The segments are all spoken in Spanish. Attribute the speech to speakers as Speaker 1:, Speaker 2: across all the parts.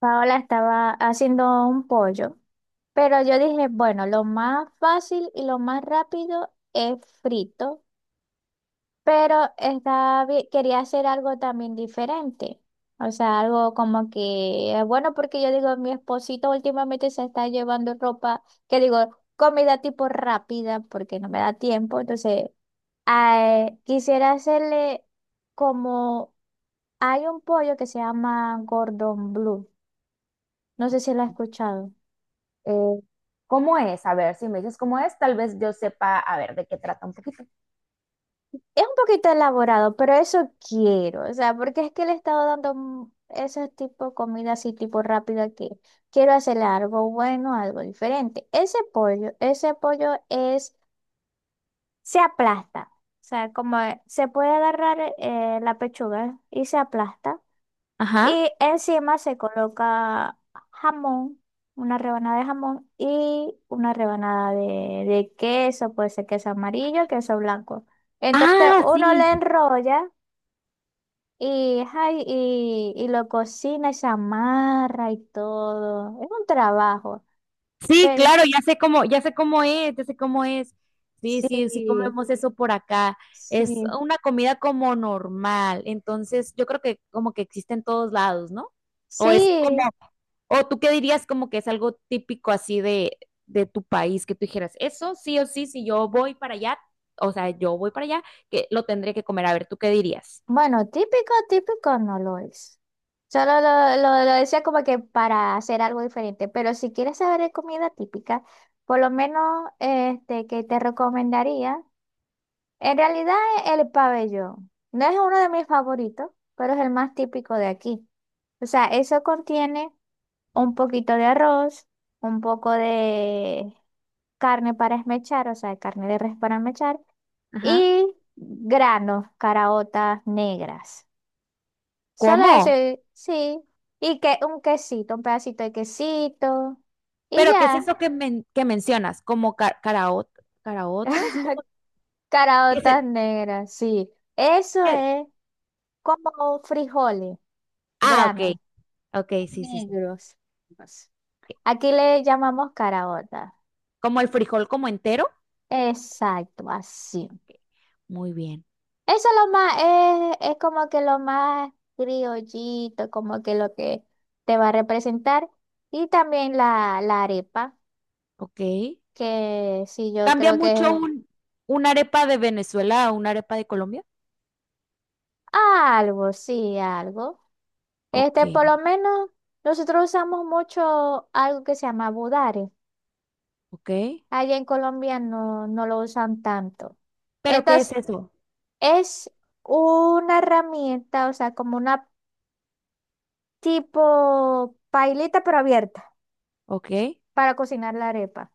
Speaker 1: Paola estaba haciendo un pollo, pero yo dije, bueno, lo más fácil y lo más rápido es frito, pero quería hacer algo también diferente. O sea, algo como que, bueno, porque yo digo, mi esposito últimamente se está llevando ropa, que digo, comida tipo rápida, porque no me da tiempo. Entonces, ah, quisiera hacerle como, hay un pollo que se llama Gordon Blue. No sé si la has escuchado.
Speaker 2: Eh, ¿Cómo es? A ver, si me dices cómo es, tal vez yo sepa, a ver, de qué trata un poquito.
Speaker 1: Es un poquito elaborado, pero eso quiero. O sea, porque es que le he estado dando ese tipo de comida así, tipo rápida, que quiero hacerle algo bueno, algo diferente. Ese pollo se aplasta. O sea, como se puede agarrar la pechuga y se aplasta.
Speaker 2: Ajá.
Speaker 1: Y encima se coloca jamón, una rebanada de jamón y una rebanada de, queso, puede ser queso amarillo, queso blanco. Entonces
Speaker 2: Ah,
Speaker 1: uno le
Speaker 2: sí.
Speaker 1: enrolla y, ay, y lo cocina y se amarra y todo. Es un trabajo.
Speaker 2: Sí,
Speaker 1: Pero
Speaker 2: claro, ya sé cómo es, ya sé cómo es. Sí, sí, sí
Speaker 1: sí,
Speaker 2: comemos eso por acá. Es
Speaker 1: sí,
Speaker 2: una comida como normal. Entonces, yo creo que como que existe en todos lados, ¿no? O es como,
Speaker 1: sí.
Speaker 2: o tú qué dirías como que es algo típico así de tu país, que tú dijeras, eso sí o sí, si yo voy para allá, o sea, yo voy para allá, que lo tendré que comer. A ver, ¿tú qué dirías?
Speaker 1: Bueno, típico, típico no lo es. Solo lo decía como que para hacer algo diferente. Pero si quieres saber de comida típica, por lo menos este que te recomendaría, en realidad el pabellón. No es uno de mis favoritos, pero es el más típico de aquí. O sea, eso contiene un poquito de arroz, un poco de carne para esmechar, o sea, carne de res para esmechar, y granos, caraotas negras. Solo eso,
Speaker 2: ¿Cómo?
Speaker 1: y- sí. Y que un quesito, un pedacito de quesito. Y
Speaker 2: ¿Pero qué es
Speaker 1: ya.
Speaker 2: eso que, que mencionas? ¿Como caraotas? ¿Cómo que
Speaker 1: Caraotas
Speaker 2: se-
Speaker 1: negras, sí. Eso
Speaker 2: que-
Speaker 1: es como frijoles,
Speaker 2: Ah,
Speaker 1: granos
Speaker 2: ok, ok, sí, sí, sí.
Speaker 1: negros. Pues, aquí le llamamos caraotas.
Speaker 2: ¿Como el frijol como entero?
Speaker 1: Exacto, así.
Speaker 2: Muy bien,
Speaker 1: Eso es lo más, es como que lo más criollito, como que lo que te va a representar. Y también la arepa,
Speaker 2: ok.
Speaker 1: que sí, yo
Speaker 2: ¿Cambia
Speaker 1: creo
Speaker 2: mucho
Speaker 1: que
Speaker 2: una arepa de Venezuela a una arepa de Colombia?
Speaker 1: algo, sí, algo.
Speaker 2: Ok,
Speaker 1: Este, por lo menos nosotros usamos mucho algo que se llama budare.
Speaker 2: ok.
Speaker 1: Allá en Colombia no lo usan tanto.
Speaker 2: ¿Pero qué es
Speaker 1: Entonces,
Speaker 2: eso?
Speaker 1: es una herramienta, o sea, como una tipo pailita pero abierta
Speaker 2: Ok,
Speaker 1: para cocinar la arepa.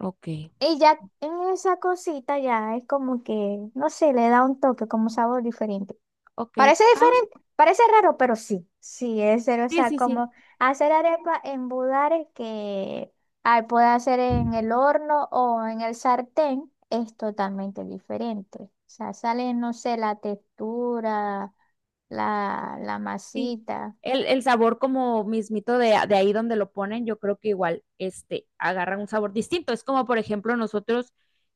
Speaker 2: ok,
Speaker 1: Y ya en esa cosita ya es como que, no sé, le da un toque, como sabor diferente.
Speaker 2: ok.
Speaker 1: Parece
Speaker 2: Ah,
Speaker 1: diferente, parece raro, pero sí, sí es cero. O
Speaker 2: sí,
Speaker 1: sea,
Speaker 2: sí, sí.
Speaker 1: como hacer arepa en budare que ay, puede hacer en el horno o en el sartén es totalmente diferente. O sea, sale, no sé, la textura, la
Speaker 2: Sí,
Speaker 1: masita.
Speaker 2: el sabor como mismito de, de ahí donde lo ponen, yo creo que igual este, agarran un sabor distinto. Es como, por ejemplo, nosotros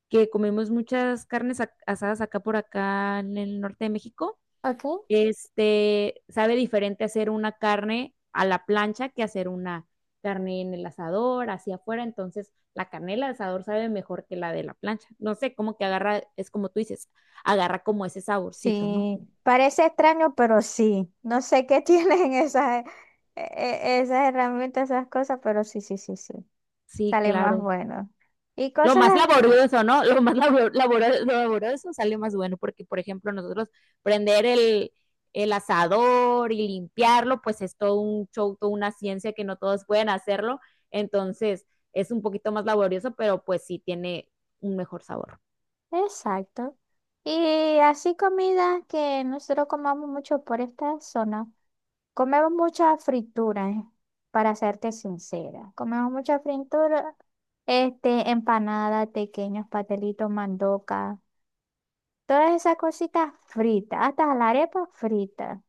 Speaker 2: que comemos muchas carnes asadas acá por acá en el norte de México,
Speaker 1: ¿Ok?
Speaker 2: este, sabe diferente hacer una carne a la plancha que hacer una carne en el asador, hacia afuera. Entonces, la carne del asador sabe mejor que la de la plancha. No sé, como que agarra, es como tú dices, agarra como ese saborcito, ¿no?
Speaker 1: Sí, parece extraño, pero sí. No sé qué tienen esas, esas herramientas, esas cosas, pero sí, sí, sí, sí.
Speaker 2: Sí,
Speaker 1: Sale más
Speaker 2: claro.
Speaker 1: bueno. Y
Speaker 2: Lo más
Speaker 1: cosas
Speaker 2: laborioso, ¿no? Lo más laborioso sale más bueno porque, por ejemplo, nosotros prender el asador y limpiarlo, pues es todo un show, toda una ciencia que no todos pueden hacerlo. Entonces, es un poquito más laborioso, pero pues sí tiene un mejor sabor.
Speaker 1: exacto. Y así comidas que nosotros comamos mucho por esta zona. Comemos mucha fritura, para serte sincera. Comemos mucha fritura, este, empanada, pequeños patelitos, mandoca, todas esas cositas fritas, hasta la arepa frita.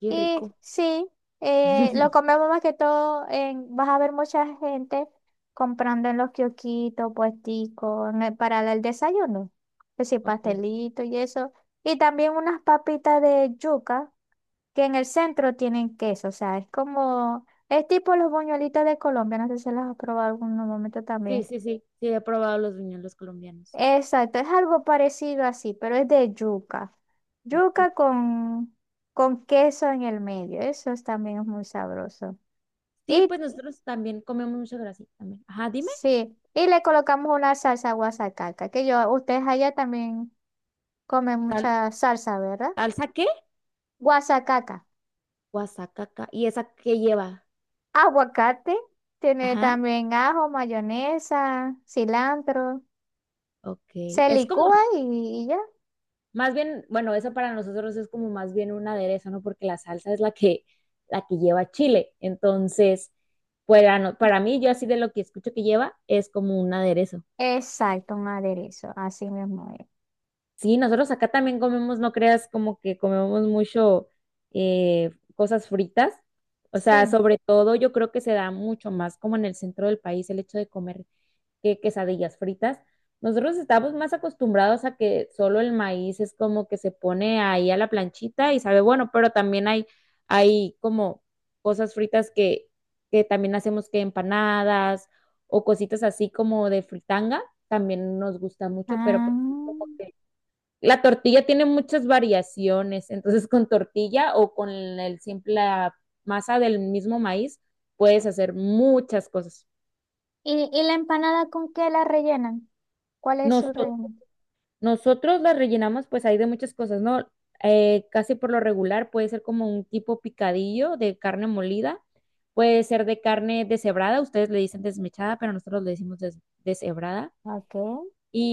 Speaker 2: Qué
Speaker 1: Y
Speaker 2: rico.
Speaker 1: sí, lo comemos más que todo en, vas a ver mucha gente comprando en los kiosquitos, puesticos, en el- para el desayuno. Que sí,
Speaker 2: Ok.
Speaker 1: pastelito y eso. Y también unas papitas de yuca que en el centro tienen queso. O sea, es como, es tipo los buñuelitos de Colombia. No sé si las has probado en algún momento
Speaker 2: Sí,
Speaker 1: también.
Speaker 2: sí, sí. Sí, he probado los buñuelos colombianos.
Speaker 1: Exacto, es algo parecido así, pero es de yuca.
Speaker 2: Sí, tú.
Speaker 1: Yuca con queso en el medio, eso es- también es muy sabroso.
Speaker 2: Sí,
Speaker 1: Y
Speaker 2: pues nosotros también comemos mucha grasa. También. Ajá, dime.
Speaker 1: sí, y le colocamos una salsa guasacaca, que yo, ustedes allá también comen
Speaker 2: ¿Sal-
Speaker 1: mucha salsa, ¿verdad?
Speaker 2: ¿Salsa qué?
Speaker 1: Guasacaca.
Speaker 2: Guasacaca. ¿Y esa qué lleva?
Speaker 1: Aguacate, tiene
Speaker 2: Ajá.
Speaker 1: también ajo, mayonesa, cilantro.
Speaker 2: Ok,
Speaker 1: Se
Speaker 2: es como,
Speaker 1: licúa y ya.
Speaker 2: más bien, bueno, eso para nosotros es como más bien un aderezo, ¿no? Porque la salsa es la que lleva chile. Entonces, para, no- para mí, yo así de lo que escucho que lleva, es como un aderezo.
Speaker 1: Exacto, un aderezo, así mismo es.
Speaker 2: Sí, nosotros acá también comemos, no creas, como que comemos mucho cosas fritas. O sea,
Speaker 1: Sí.
Speaker 2: sobre todo yo creo que se da mucho más como en el centro del país el hecho de comer que quesadillas fritas. Nosotros estamos más acostumbrados a que solo el maíz es como que se pone ahí a la planchita y sabe bueno, pero también hay como cosas fritas que también hacemos que empanadas o cositas así como de fritanga, también nos gusta mucho, pero
Speaker 1: Ah.
Speaker 2: pues es como que la tortilla tiene muchas variaciones, entonces con tortilla o con el simple la masa del mismo maíz puedes hacer muchas cosas.
Speaker 1: ¿Y, la empanada con qué la rellenan? ¿Cuál es su
Speaker 2: Nosotros
Speaker 1: relleno?
Speaker 2: Nosotros las rellenamos, pues hay de muchas cosas, ¿no? Casi por lo regular puede ser como un tipo picadillo de carne molida, puede ser de carne deshebrada, ustedes le dicen desmechada, pero nosotros le decimos deshebrada,
Speaker 1: Ok,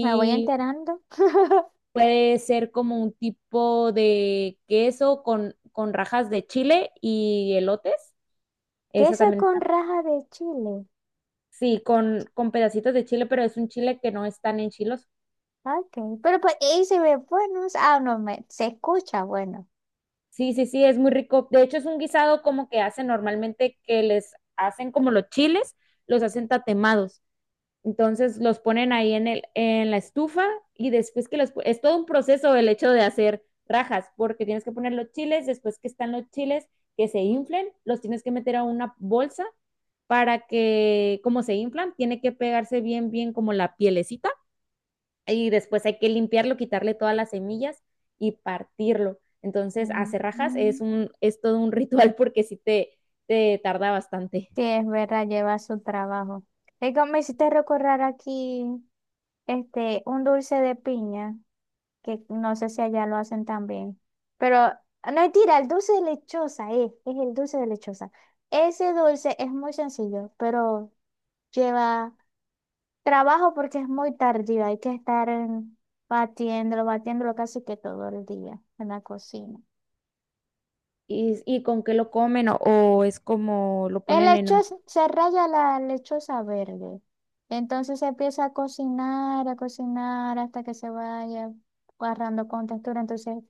Speaker 1: me voy enterando.
Speaker 2: puede ser como un tipo de queso con rajas de chile y elotes, esa
Speaker 1: Queso
Speaker 2: también,
Speaker 1: con raja de chile.
Speaker 2: sí, con pedacitos de chile, pero es un chile que no es tan enchiloso.
Speaker 1: Ok, pero pues ahí se ve bueno. Ah, no, me, se escucha bueno.
Speaker 2: Sí, sí, sí, es muy rico. De hecho, es un guisado como que hacen normalmente que les hacen como los chiles, los hacen tatemados. Entonces los ponen ahí en la estufa y después que es todo un proceso el hecho de hacer rajas, porque tienes que poner los chiles, después que están los chiles que se inflen, los tienes que meter a una bolsa para que, como se inflan, tiene que pegarse bien, bien como la pielecita y después hay que limpiarlo, quitarle todas las semillas y partirlo. Entonces,
Speaker 1: Mm,
Speaker 2: hacer rajas es,
Speaker 1: mm.
Speaker 2: un, es todo un ritual porque sí te tarda bastante.
Speaker 1: Sí, es verdad, lleva su trabajo. Es que me hiciste recordar aquí este, un dulce de piña, que no sé si allá lo hacen también. Pero ah, no mentira, el dulce de lechosa es el dulce de lechosa. Ese dulce es muy sencillo, pero lleva trabajo porque es muy tardío. Hay que estar batiéndolo, batiéndolo casi que todo el día en la cocina.
Speaker 2: ¿Y con qué lo comen o es como lo
Speaker 1: El
Speaker 2: ponen en...
Speaker 1: lechoso, se raya la lechosa verde. Entonces se empieza a cocinar hasta que se vaya agarrando con textura. Entonces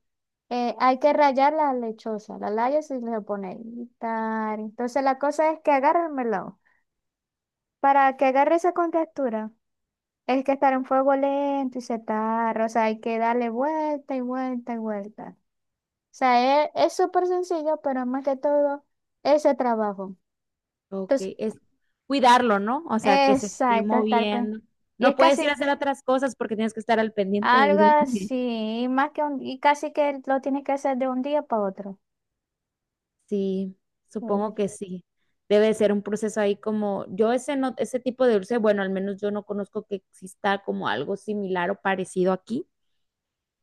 Speaker 1: hay que rayar la lechosa, la rayas y le pone y tar. Entonces la cosa es que agarre el melón. Para que agarre esa con es que estar en fuego lento y se tarda. O sea, hay que darle vuelta y vuelta y vuelta. O sea, es súper sencillo, pero más que todo, ese trabajo.
Speaker 2: Ok,
Speaker 1: Entonces,
Speaker 2: es cuidarlo, ¿no? O sea, que se esté
Speaker 1: exacto, estar pen-
Speaker 2: moviendo.
Speaker 1: y es
Speaker 2: No puedes ir a
Speaker 1: casi
Speaker 2: hacer otras cosas porque tienes que estar al pendiente del
Speaker 1: algo
Speaker 2: dulce.
Speaker 1: así, más que un, y casi que lo tienes que hacer de un día para otro.
Speaker 2: Sí,
Speaker 1: Sí,
Speaker 2: supongo que sí. Debe ser un proceso ahí como, yo ese no, ese tipo de dulce, bueno, al menos yo no conozco que exista como algo similar o parecido aquí,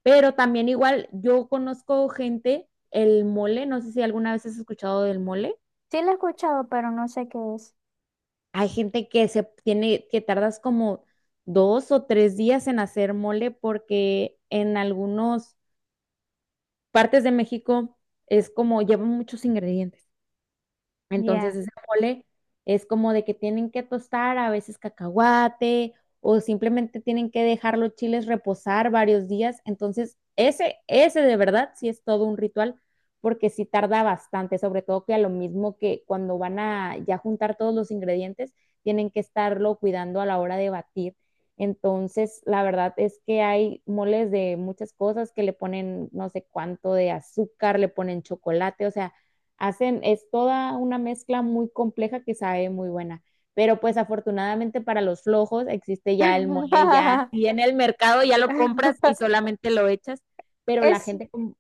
Speaker 2: pero también igual yo conozco gente, el mole, no sé si alguna vez has escuchado del mole.
Speaker 1: sí lo he escuchado, pero no sé qué es.
Speaker 2: Hay gente que se tiene, que tardas como 2 o 3 días en hacer mole porque en algunas partes de México es como lleva muchos ingredientes. Entonces
Speaker 1: Ya.
Speaker 2: ese mole es como de que tienen que tostar a veces cacahuate o simplemente tienen que dejar los chiles reposar varios días. Entonces ese de verdad sí es todo un ritual porque sí tarda bastante, sobre todo que a lo mismo que cuando van a ya juntar todos los ingredientes, tienen que estarlo cuidando a la hora de batir. Entonces, la verdad es que hay moles de muchas cosas que le ponen no sé cuánto de azúcar, le ponen chocolate, o sea, hacen, es toda una mezcla muy compleja que sabe muy buena. Pero pues afortunadamente para los flojos existe ya el mole, ya y en el mercado ya lo compras y solamente lo echas, pero la
Speaker 1: Es,
Speaker 2: gente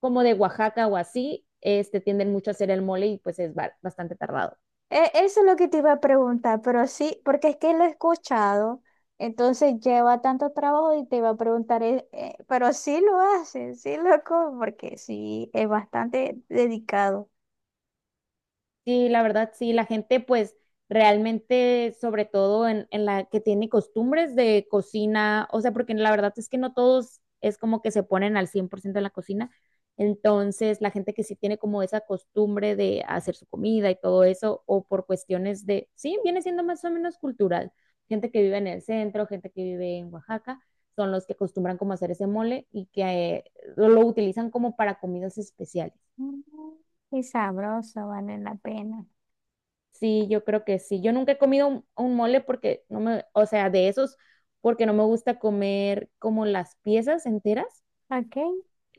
Speaker 2: como, de Oaxaca o así, este tienden mucho a hacer el mole y pues es bastante tardado.
Speaker 1: e- eso es lo que te iba a preguntar, pero sí, porque es que lo he escuchado, entonces lleva tanto trabajo y te iba a preguntar, pero sí lo haces, sí lo como, porque sí, es bastante dedicado.
Speaker 2: Sí, la verdad, sí, la gente pues realmente, sobre todo en la que tiene costumbres de cocina, o sea, porque la verdad es que no todos es como que se ponen al 100% en la cocina, entonces la gente que sí tiene como esa costumbre de hacer su comida y todo eso, o por cuestiones de, sí, viene siendo más o menos cultural, gente que vive en el centro, gente que vive en Oaxaca, son los que acostumbran como hacer ese mole y que lo utilizan como para comidas especiales.
Speaker 1: Mm, y sabroso, vale la pena.
Speaker 2: Sí, yo creo que sí. Yo nunca he comido un mole porque no me, o sea, de esos, porque no me gusta comer como las piezas enteras.
Speaker 1: Okay.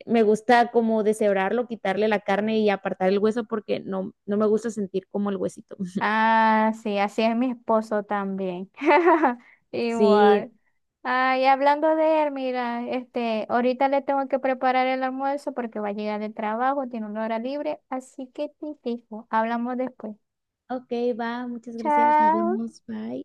Speaker 2: Me gusta como deshebrarlo, quitarle la carne y apartar el hueso porque no, no me gusta sentir como el huesito.
Speaker 1: Ah, sí, así es mi esposo también.
Speaker 2: Sí,
Speaker 1: Igual. Ay, hablando de él, mira, este, ahorita le tengo que preparar el almuerzo porque va a llegar del trabajo, tiene una hora libre, así que te dejo. Hablamos después.
Speaker 2: ok, va, muchas gracias, nos
Speaker 1: Chao.
Speaker 2: vemos, bye.